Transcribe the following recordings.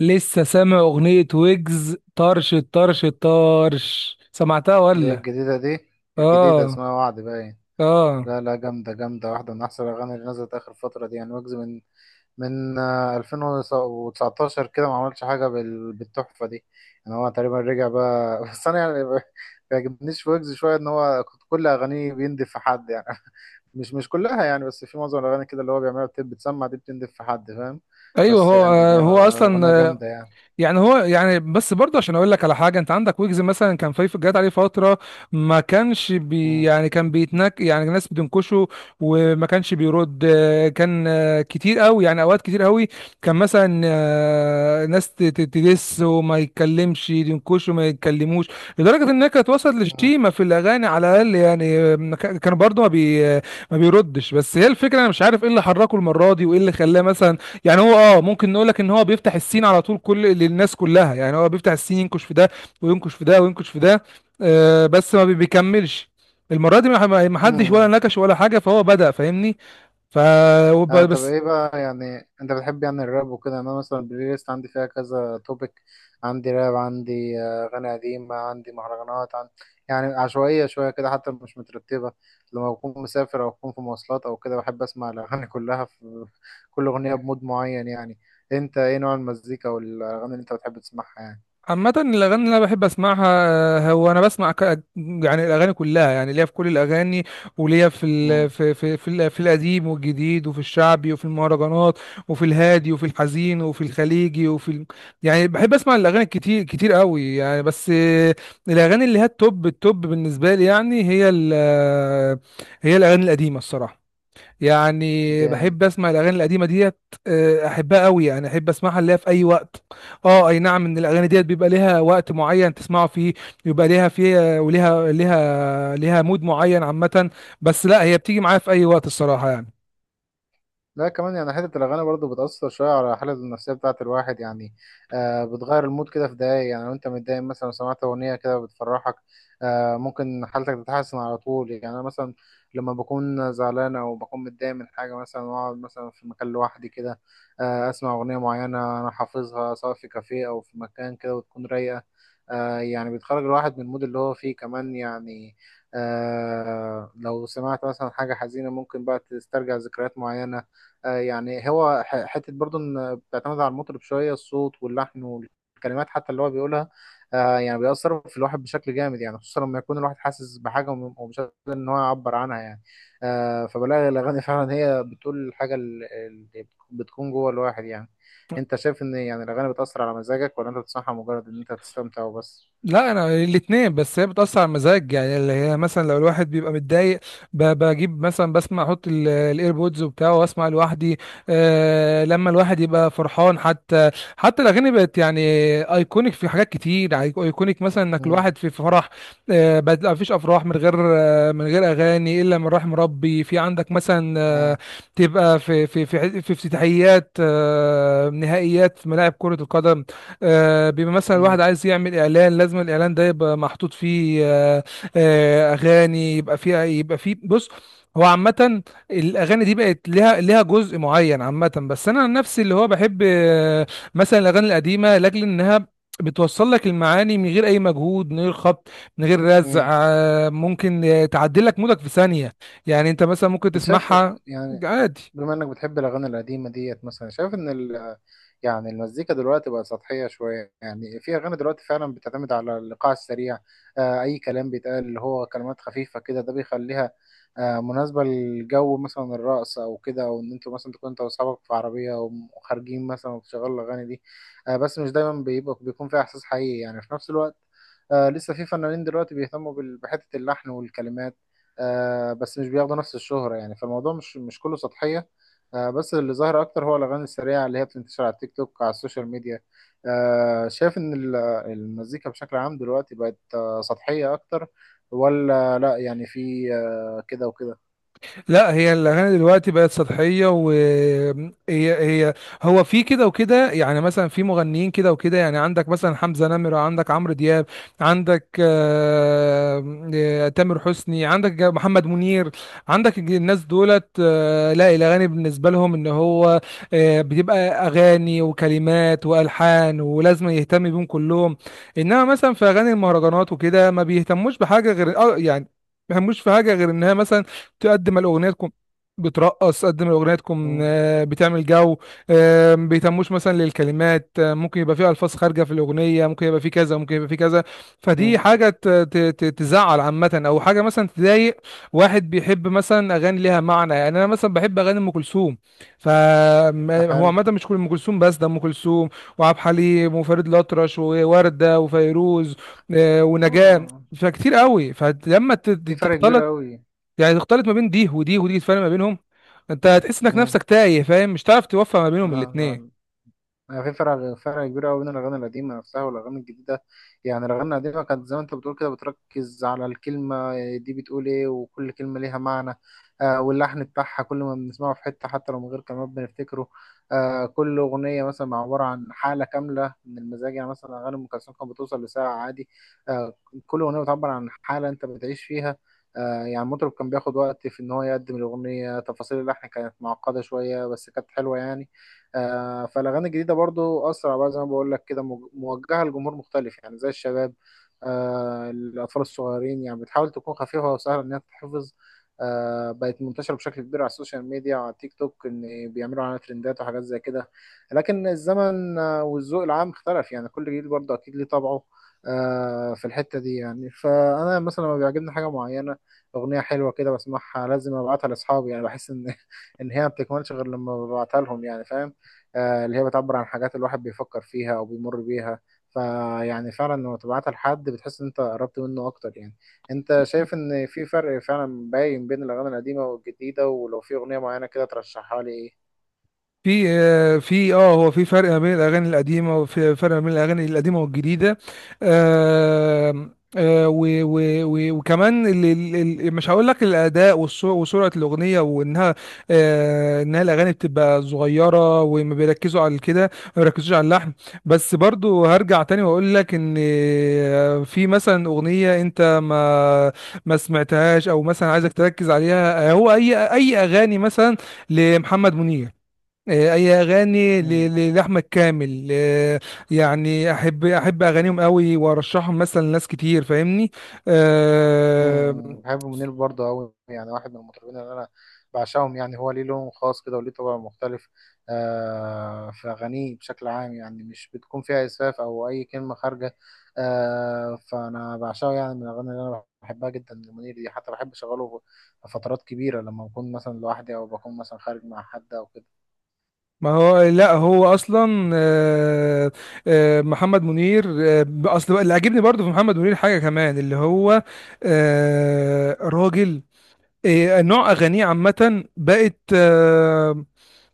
لسه سامع أغنية ويجز طرش طرش طرش؟ سمعتها اللي هي ولا؟ الجديدة دي. الجديدة آه اسمها وعد باين. آه. لا لا، جامدة جامدة، واحدة من أحسن الأغاني اللي نزلت آخر فترة دي يعني. ويجز من 2019 كده ما عملش حاجة بالتحفة دي. يعني هو تقريبا رجع بقى بس أنا يعني ما بيعجبنيش في ويجز شوية إن هو كل أغانيه بيندف في حد يعني مش كلها يعني، بس في معظم الأغاني كده اللي هو بيعملها بتسمع دي بتندف في حد، فاهم؟ أيوه. بس هو يعني هو أغنية أصلا جامدة يعني. يعني هو يعني بس برضه عشان اقول لك على حاجه، انت عندك ويجز مثلا، كان جات عليه فتره ما كانش بي مم. يعني كان بيتنك، يعني الناس بتنكشه وما كانش بيرد. كان كتير قوي، يعني اوقات كتير قوي. كان مثلا ناس تدس وما يتكلمش، ينكشه ما يتكلموش. لدرجه انها كانت وصلت مم. لشتيمه في الاغاني على الاقل، يعني ما كان برضه ما بيردش. بس هي الفكره، انا مش عارف ايه اللي حركه المره دي وايه اللي خلاه. مثلا يعني هو اه، ممكن نقول لك ان هو بيفتح السين على طول للناس كلها، يعني هو بيفتح السين، ينكش في ده وينكش في ده وينكش في ده. آه بس ما بي- بيكملش المره دي. ما حدش ولا مم. نكش ولا حاجه، فهو بدأ، فاهمني؟ ف اه طب بس. ايه بقى يعني؟ انت بتحب يعني الراب وكده؟ يعني انا مثلا البلاي ليست عندي فيها كذا توبيك. عندي راب، عندي اغاني قديمه، عندي مهرجانات يعني عشوائيه شويه كده، حتى مش مترتبه. لما بكون مسافر او بكون في مواصلات او كده بحب اسمع الاغاني كلها. في كل اغنيه بمود معين يعني. انت ايه نوع المزيكا والاغاني اللي انت بتحب تسمعها يعني؟ عامة الأغاني اللي أنا بحب أسمعها هو أنا يعني الأغاني كلها، يعني ليا في كل الأغاني وليا امم. في في القديم والجديد، وفي الشعبي، وفي المهرجانات، وفي الهادي، وفي الحزين، وفي الخليجي، يعني بحب أسمع الأغاني كتير كتير قوي يعني. بس آه، الأغاني اللي هي التوب التوب بالنسبة لي يعني، هي ال... آه، هي الأغاني القديمة الصراحة. يعني جامد. بحب اسمع الاغاني القديمه ديت. آه، احبها قوي، يعني احب اسمعها اللي هي في اي وقت. اه اي نعم، ان الاغاني ديت بيبقى ليها وقت معين تسمعه فيه، يبقى ليها فيه، وليها ليها مود معين عامه. بس لا، هي بتيجي معايا في اي وقت الصراحه يعني. لا كمان يعني حتة الأغاني برضه بتأثر شوية على الحالة النفسية بتاعة الواحد يعني. بتغير المود كده في دقايق يعني. لو أنت متضايق مثلا سمعت أغنية كده بتفرحك، ممكن حالتك تتحسن على طول يعني. أنا مثلا لما بكون زعلان أو بكون متضايق من حاجة مثلا، وأقعد مثلا في مكان لوحدي كده، أسمع أغنية معينة أنا حافظها، سواء في كافيه أو في مكان كده، وتكون رايقة. يعني بتخرج الواحد من المود اللي هو فيه كمان يعني. لو سمعت مثلا حاجة حزينة ممكن بقى تسترجع ذكريات معينة. يعني هو حتة برضه إن بتعتمد على المطرب شوية، الصوت واللحن والكلمات حتى اللي هو بيقولها. يعني بيأثر في الواحد بشكل جامد يعني، خصوصا لما يكون الواحد حاسس بحاجة ومش قادر إن هو يعبر عنها يعني. فبلاقي الأغاني فعلا هي بتقول الحاجة اللي بتكون جوه الواحد يعني. أنت شايف إن يعني الأغاني بتأثر على مزاجك، ولا أنت بتسمعها مجرد إن أنت تستمتع وبس؟ لا، انا الاثنين. بس هي بتاثر على المزاج، يعني اللي هي مثلا لو الواحد بيبقى متضايق، بجيب مثلا، بسمع، احط الايربودز وبتاعه، واسمع لوحدي. آه لما الواحد يبقى فرحان حتى. حتى الاغاني بقت يعني ايكونيك في حاجات كتير. ايكونيك مثلا، انك مم. الواحد في فرح، آه، بقت لا مفيش افراح من غير آه، من غير اغاني، الا من رحم ربي. في عندك مثلا آه، مم. تبقى في في افتتاحيات، آه نهائيات في ملاعب كرة القدم. آه، بيبقى مثلا مم. الواحد عايز يعمل اعلان، لازم الاعلان ده يبقى محطوط فيه آه، آه، اغاني. يبقى فيه يبقى فيه، بص. هو عامة الأغاني دي بقت لها جزء معين عامة. بس أنا عن نفسي اللي هو بحب آه، مثلا الأغاني القديمة، لأجل إنها بتوصل لك المعاني من غير أي مجهود، من غير خبط، من غير رزع. مم. آه، ممكن آه، تعدل لك مودك في ثانية. يعني أنت مثلا ممكن انت شايف تسمعها يعني، عادي. بما انك بتحب الاغاني القديمه ديت مثلا، شايف ان يعني المزيكا دلوقتي بقى سطحيه شويه؟ يعني في اغاني دلوقتي فعلا بتعتمد على الايقاع السريع، اي كلام بيتقال، اللي هو كلمات خفيفه كده. ده بيخليها مناسبه للجو مثلا الرقص او كده، او ان انتوا مثلا تكون انت واصحابك في عربيه وخارجين مثلا وبتشغلوا الاغاني دي. بس مش دايما بيبقى بيكون فيها احساس حقيقي يعني في نفس الوقت. لسه في فنانين دلوقتي بيهتموا بحته اللحن والكلمات، بس مش بياخدوا نفس الشهرة يعني. فالموضوع مش كله سطحية، بس اللي ظاهر أكتر هو الأغاني السريعة اللي هي بتنتشر على التيك توك، على السوشيال ميديا. شايف إن المزيكا بشكل عام دلوقتي بقت سطحية أكتر، ولا لأ؟ يعني في كده وكده. لا، هي الاغاني دلوقتي بقت سطحيه، هو في كده وكده، يعني مثلا في مغنيين كده وكده. يعني عندك مثلا حمزه نمره، عندك عمرو دياب، عندك آه، آه، تامر حسني، عندك محمد منير، عندك الناس دولت آه، لا الاغاني بالنسبه لهم ان هو آه، بتبقى اغاني وكلمات والحان، ولازم يهتم بيهم كلهم. انما مثلا في اغاني المهرجانات وكده، ما بيهتموش بحاجه غير آه، يعني ما بيهتموش في حاجه غير انها مثلا تقدم الاغنيتكم، بترقص، تقدم اغنيتكم مم. آه، بتعمل جو آه، ما بيهتموش مثلا للكلمات. آه، ممكن يبقى فيه الفاظ خارجه في الاغنيه، ممكن يبقى فيه كذا، ممكن يبقى فيه كذا. فدي مم. حاجه تزعل عامه، او حاجه مثلا تضايق. واحد بيحب مثلا اغاني ليها معنى، يعني انا مثلا بحب اغاني ام كلثوم. فهو حلو. عامه مش كل ام كلثوم، بس ده ام كلثوم وعبد الحليم وفريد الأطرش ووردة وفيروز، آه، هو ونجاة. فكتير قوي، فلما في فرق تختلط كبير أوي. يعني، تختلط ما بين دي ودي ودي، تفرق ما بينهم، انت هتحس انك مم. نفسك تايه، فاهم؟ مش هتعرف توفق ما بينهم الاتنين. آه. يعني في فرق كبير قوي بين الاغاني القديمه نفسها والاغاني الجديده. يعني الاغاني القديمه كانت زي ما انت بتقول كده، بتركز على الكلمه دي بتقول ايه، وكل كلمه ليها معنى. واللحن بتاعها كل ما بنسمعه في حته، حتى لو من غير كلمات بنفتكره. كل اغنيه مثلا عباره عن حاله كامله من المزاج يعني. مثلا اغاني ام كلثوم كانت بتوصل لساعه عادي. آه كل اغنيه بتعبر عن حاله انت بتعيش فيها. آه. يعني المطرب كان بياخد وقت في ان هو يقدم الاغنيه، تفاصيل اللحن كانت معقده شويه بس كانت حلوه يعني. فالاغاني الجديده برضو اسرع بقى، زي ما بقول لك كده، موجهه لجمهور مختلف يعني زي الشباب، الاطفال الصغيرين يعني، بتحاول تكون خفيفه وسهله ان هي تتحفظ. بقت منتشره بشكل كبير على السوشيال ميديا وعلى تيك توك، ان بيعملوا عليها ترندات وحاجات زي كده. لكن الزمن والذوق العام اختلف يعني، كل جيل برضه اكيد ليه طبعه في الحته دي يعني. فانا مثلا لما بيعجبني حاجه معينه، اغنيه حلوه كده بسمعها، لازم ابعتها لاصحابي يعني. بحس ان ان هي ما بتكملش غير لما ببعتها لهم يعني، فاهم؟ اللي هي بتعبر عن حاجات الواحد بيفكر فيها او بيمر بيها. فيعني فعلا لما تبعتها لحد بتحس ان انت قربت منه اكتر يعني. انت شايف ان في فرق فعلا باين بين الاغاني القديمه والجديده؟ ولو في اغنيه معينه كده ترشحها لي؟ في آه، في اه هو في فرق ما بين الاغاني القديمه وفي فرق ما بين الاغاني القديمه والجديده. آه، آه، و وكمان ال مش هقول لك الاداء وسرعه الاغنيه وانها آه، انها الاغاني بتبقى صغيره، وما بيركزوا على كده، ما بيركزوش على اللحن. بس برضو هرجع تاني واقول لك ان آه، في مثلا اغنيه انت ما سمعتهاش، او مثلا عايزك تركز عليها. آه، هو اي اغاني مثلا لمحمد منير، آه، اي اغاني ايه. لاحمد كامل آه، يعني احب اغانيهم قوي، وارشحهم مثلا لناس كتير، فاهمني؟ امم. آه، بحب منير برضه قوي يعني، واحد من المطربين اللي انا بعشقهم يعني. هو ليه لون خاص كده وليه طبع مختلف. في اغانيه بشكل عام يعني مش بتكون فيها اسفاف او اي كلمه خارجه. فانا بعشقه يعني. من الاغاني اللي انا بحبها جدا لمنير دي، حتى بحب اشغله في فترات كبيره لما بكون مثلا لوحدي، او بكون مثلا خارج مع حد او كده. ما هو لا، هو اصلا آه، آه، محمد منير آه، اصل بقى اللي عاجبني برضو في محمد منير حاجه كمان، اللي هو آه، راجل آه، نوع اغانيه عامه بقت آه،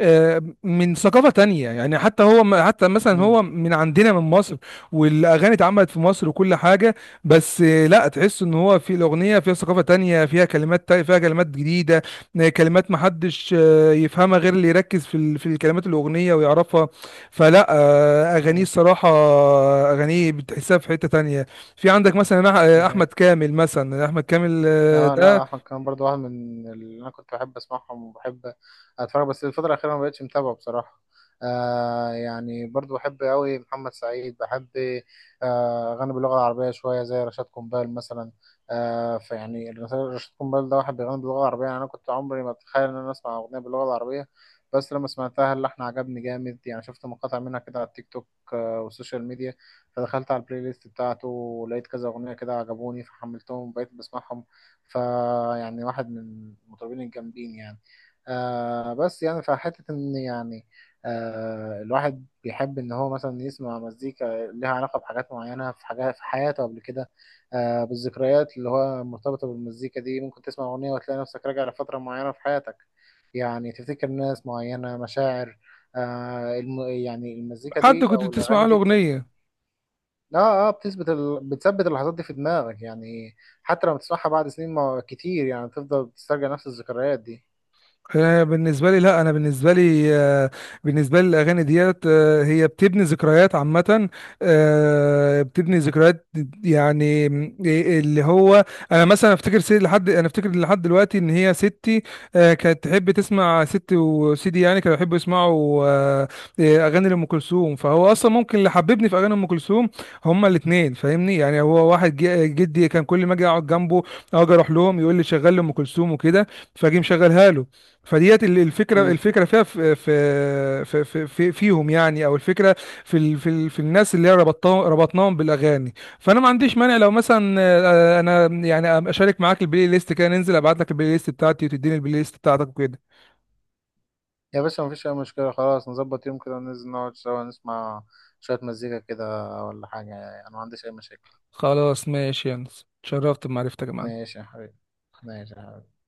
آه، من ثقافة تانية، يعني حتى هو حتى مثلا هو امم. من عندنا من مصر، والأغاني اتعملت في مصر وكل حاجة. بس آه، لا تحس إن هو في الأغنية فيها ثقافة تانية، فيها كلمات فيها كلمات جديدة. آه، كلمات محدش آه، يفهمها غير اللي يركز في الكلمات الأغنية ويعرفها. فلا آه، أغانيه الصراحة آه، أغانيه بتحسها في حتة تانية. في عندك مثلا آه، أحمد امم. كامل. مثلا أحمد كامل آه، اه ده لا، احمد كان برضو واحد من اللي انا كنت بحب اسمعهم وبحب اتفرج، بس الفتره الاخيره ما بقتش متابعه بصراحه. يعني برضو بحب قوي محمد سعيد، بحب اغاني باللغه العربيه شويه زي رشاد قنبال مثلا. فيعني رشاد قنبال ده واحد بيغني باللغه العربيه يعني. انا كنت عمري ما اتخيل ان انا اسمع اغنيه باللغه العربيه، بس لما سمعتها اللحن عجبني جامد يعني. شفت مقاطع منها كده على التيك توك والسوشيال ميديا، فدخلت على البلاي ليست بتاعته ولقيت كذا اغنيه كده عجبوني، فحملتهم وبقيت بسمعهم. فيعني واحد من المطربين الجامدين يعني. بس يعني فحتة إن يعني الواحد بيحب إن هو مثلا يسمع مزيكا لها علاقة بحاجات معينة، في حاجات في حياته قبل كده، بالذكريات اللي هو مرتبطة بالمزيكا دي. ممكن تسمع أغنية وتلاقي نفسك راجع لفترة معينة في حياتك، يعني تفتكر ناس معينة، مشاعر يعني المزيكا حد دي كنت أو الأغاني بتسمع له دي. أغنية. اه اه، بتثبت بتثبت اللحظات دي في دماغك يعني. حتى لما تسمعها بعد سنين ما كتير يعني، تفضل تسترجع نفس الذكريات دي. آه، بالنسبه لي، لا انا بالنسبه لي آه، بالنسبه لي الاغاني ديت آه، هي بتبني ذكريات عامه. آه، بتبني ذكريات، يعني اللي هو انا مثلا افتكر سيدي لحد، انا افتكر لحد دلوقتي ان هي ستي آه، كانت تحب تسمع، ستي وسيدي يعني كانوا يحبوا يسمعوا آه، آه، اغاني لام كلثوم. فهو اصلا ممكن اللي حببني في اغاني ام كلثوم هما الاثنين، فاهمني؟ يعني هو واحد جدي كان كل ما اجي اقعد جنبه، أو اجي اروح لهم، يقول لي شغل لي ام كلثوم وكده، فاجي مشغلها له. فديت الفكره، امم. الفكره فيها في في في في في- فيهم يعني، او الفكره في الناس اللي هي ربطناهم بالاغاني. فانا ما عنديش مانع لو مثلا آه، انا يعني اشارك معاك البلاي ليست كده، ننزل، ابعت لك البلاي ليست بتاعتي، وتديني البلاي ليست بتاعتك وكده. يا باشا، مفيش اي مشكلة. خلاص نظبط يوم كده وننزل نقعد سوا نسمع شوية مزيكا كده ولا حاجة يعني، انا ما عنديش اي مشاكل. خلاص ماشي يا انس، اتشرفت بمعرفتك يا معلم. ماشي يا حبيبي. ماشي يا حبيبي.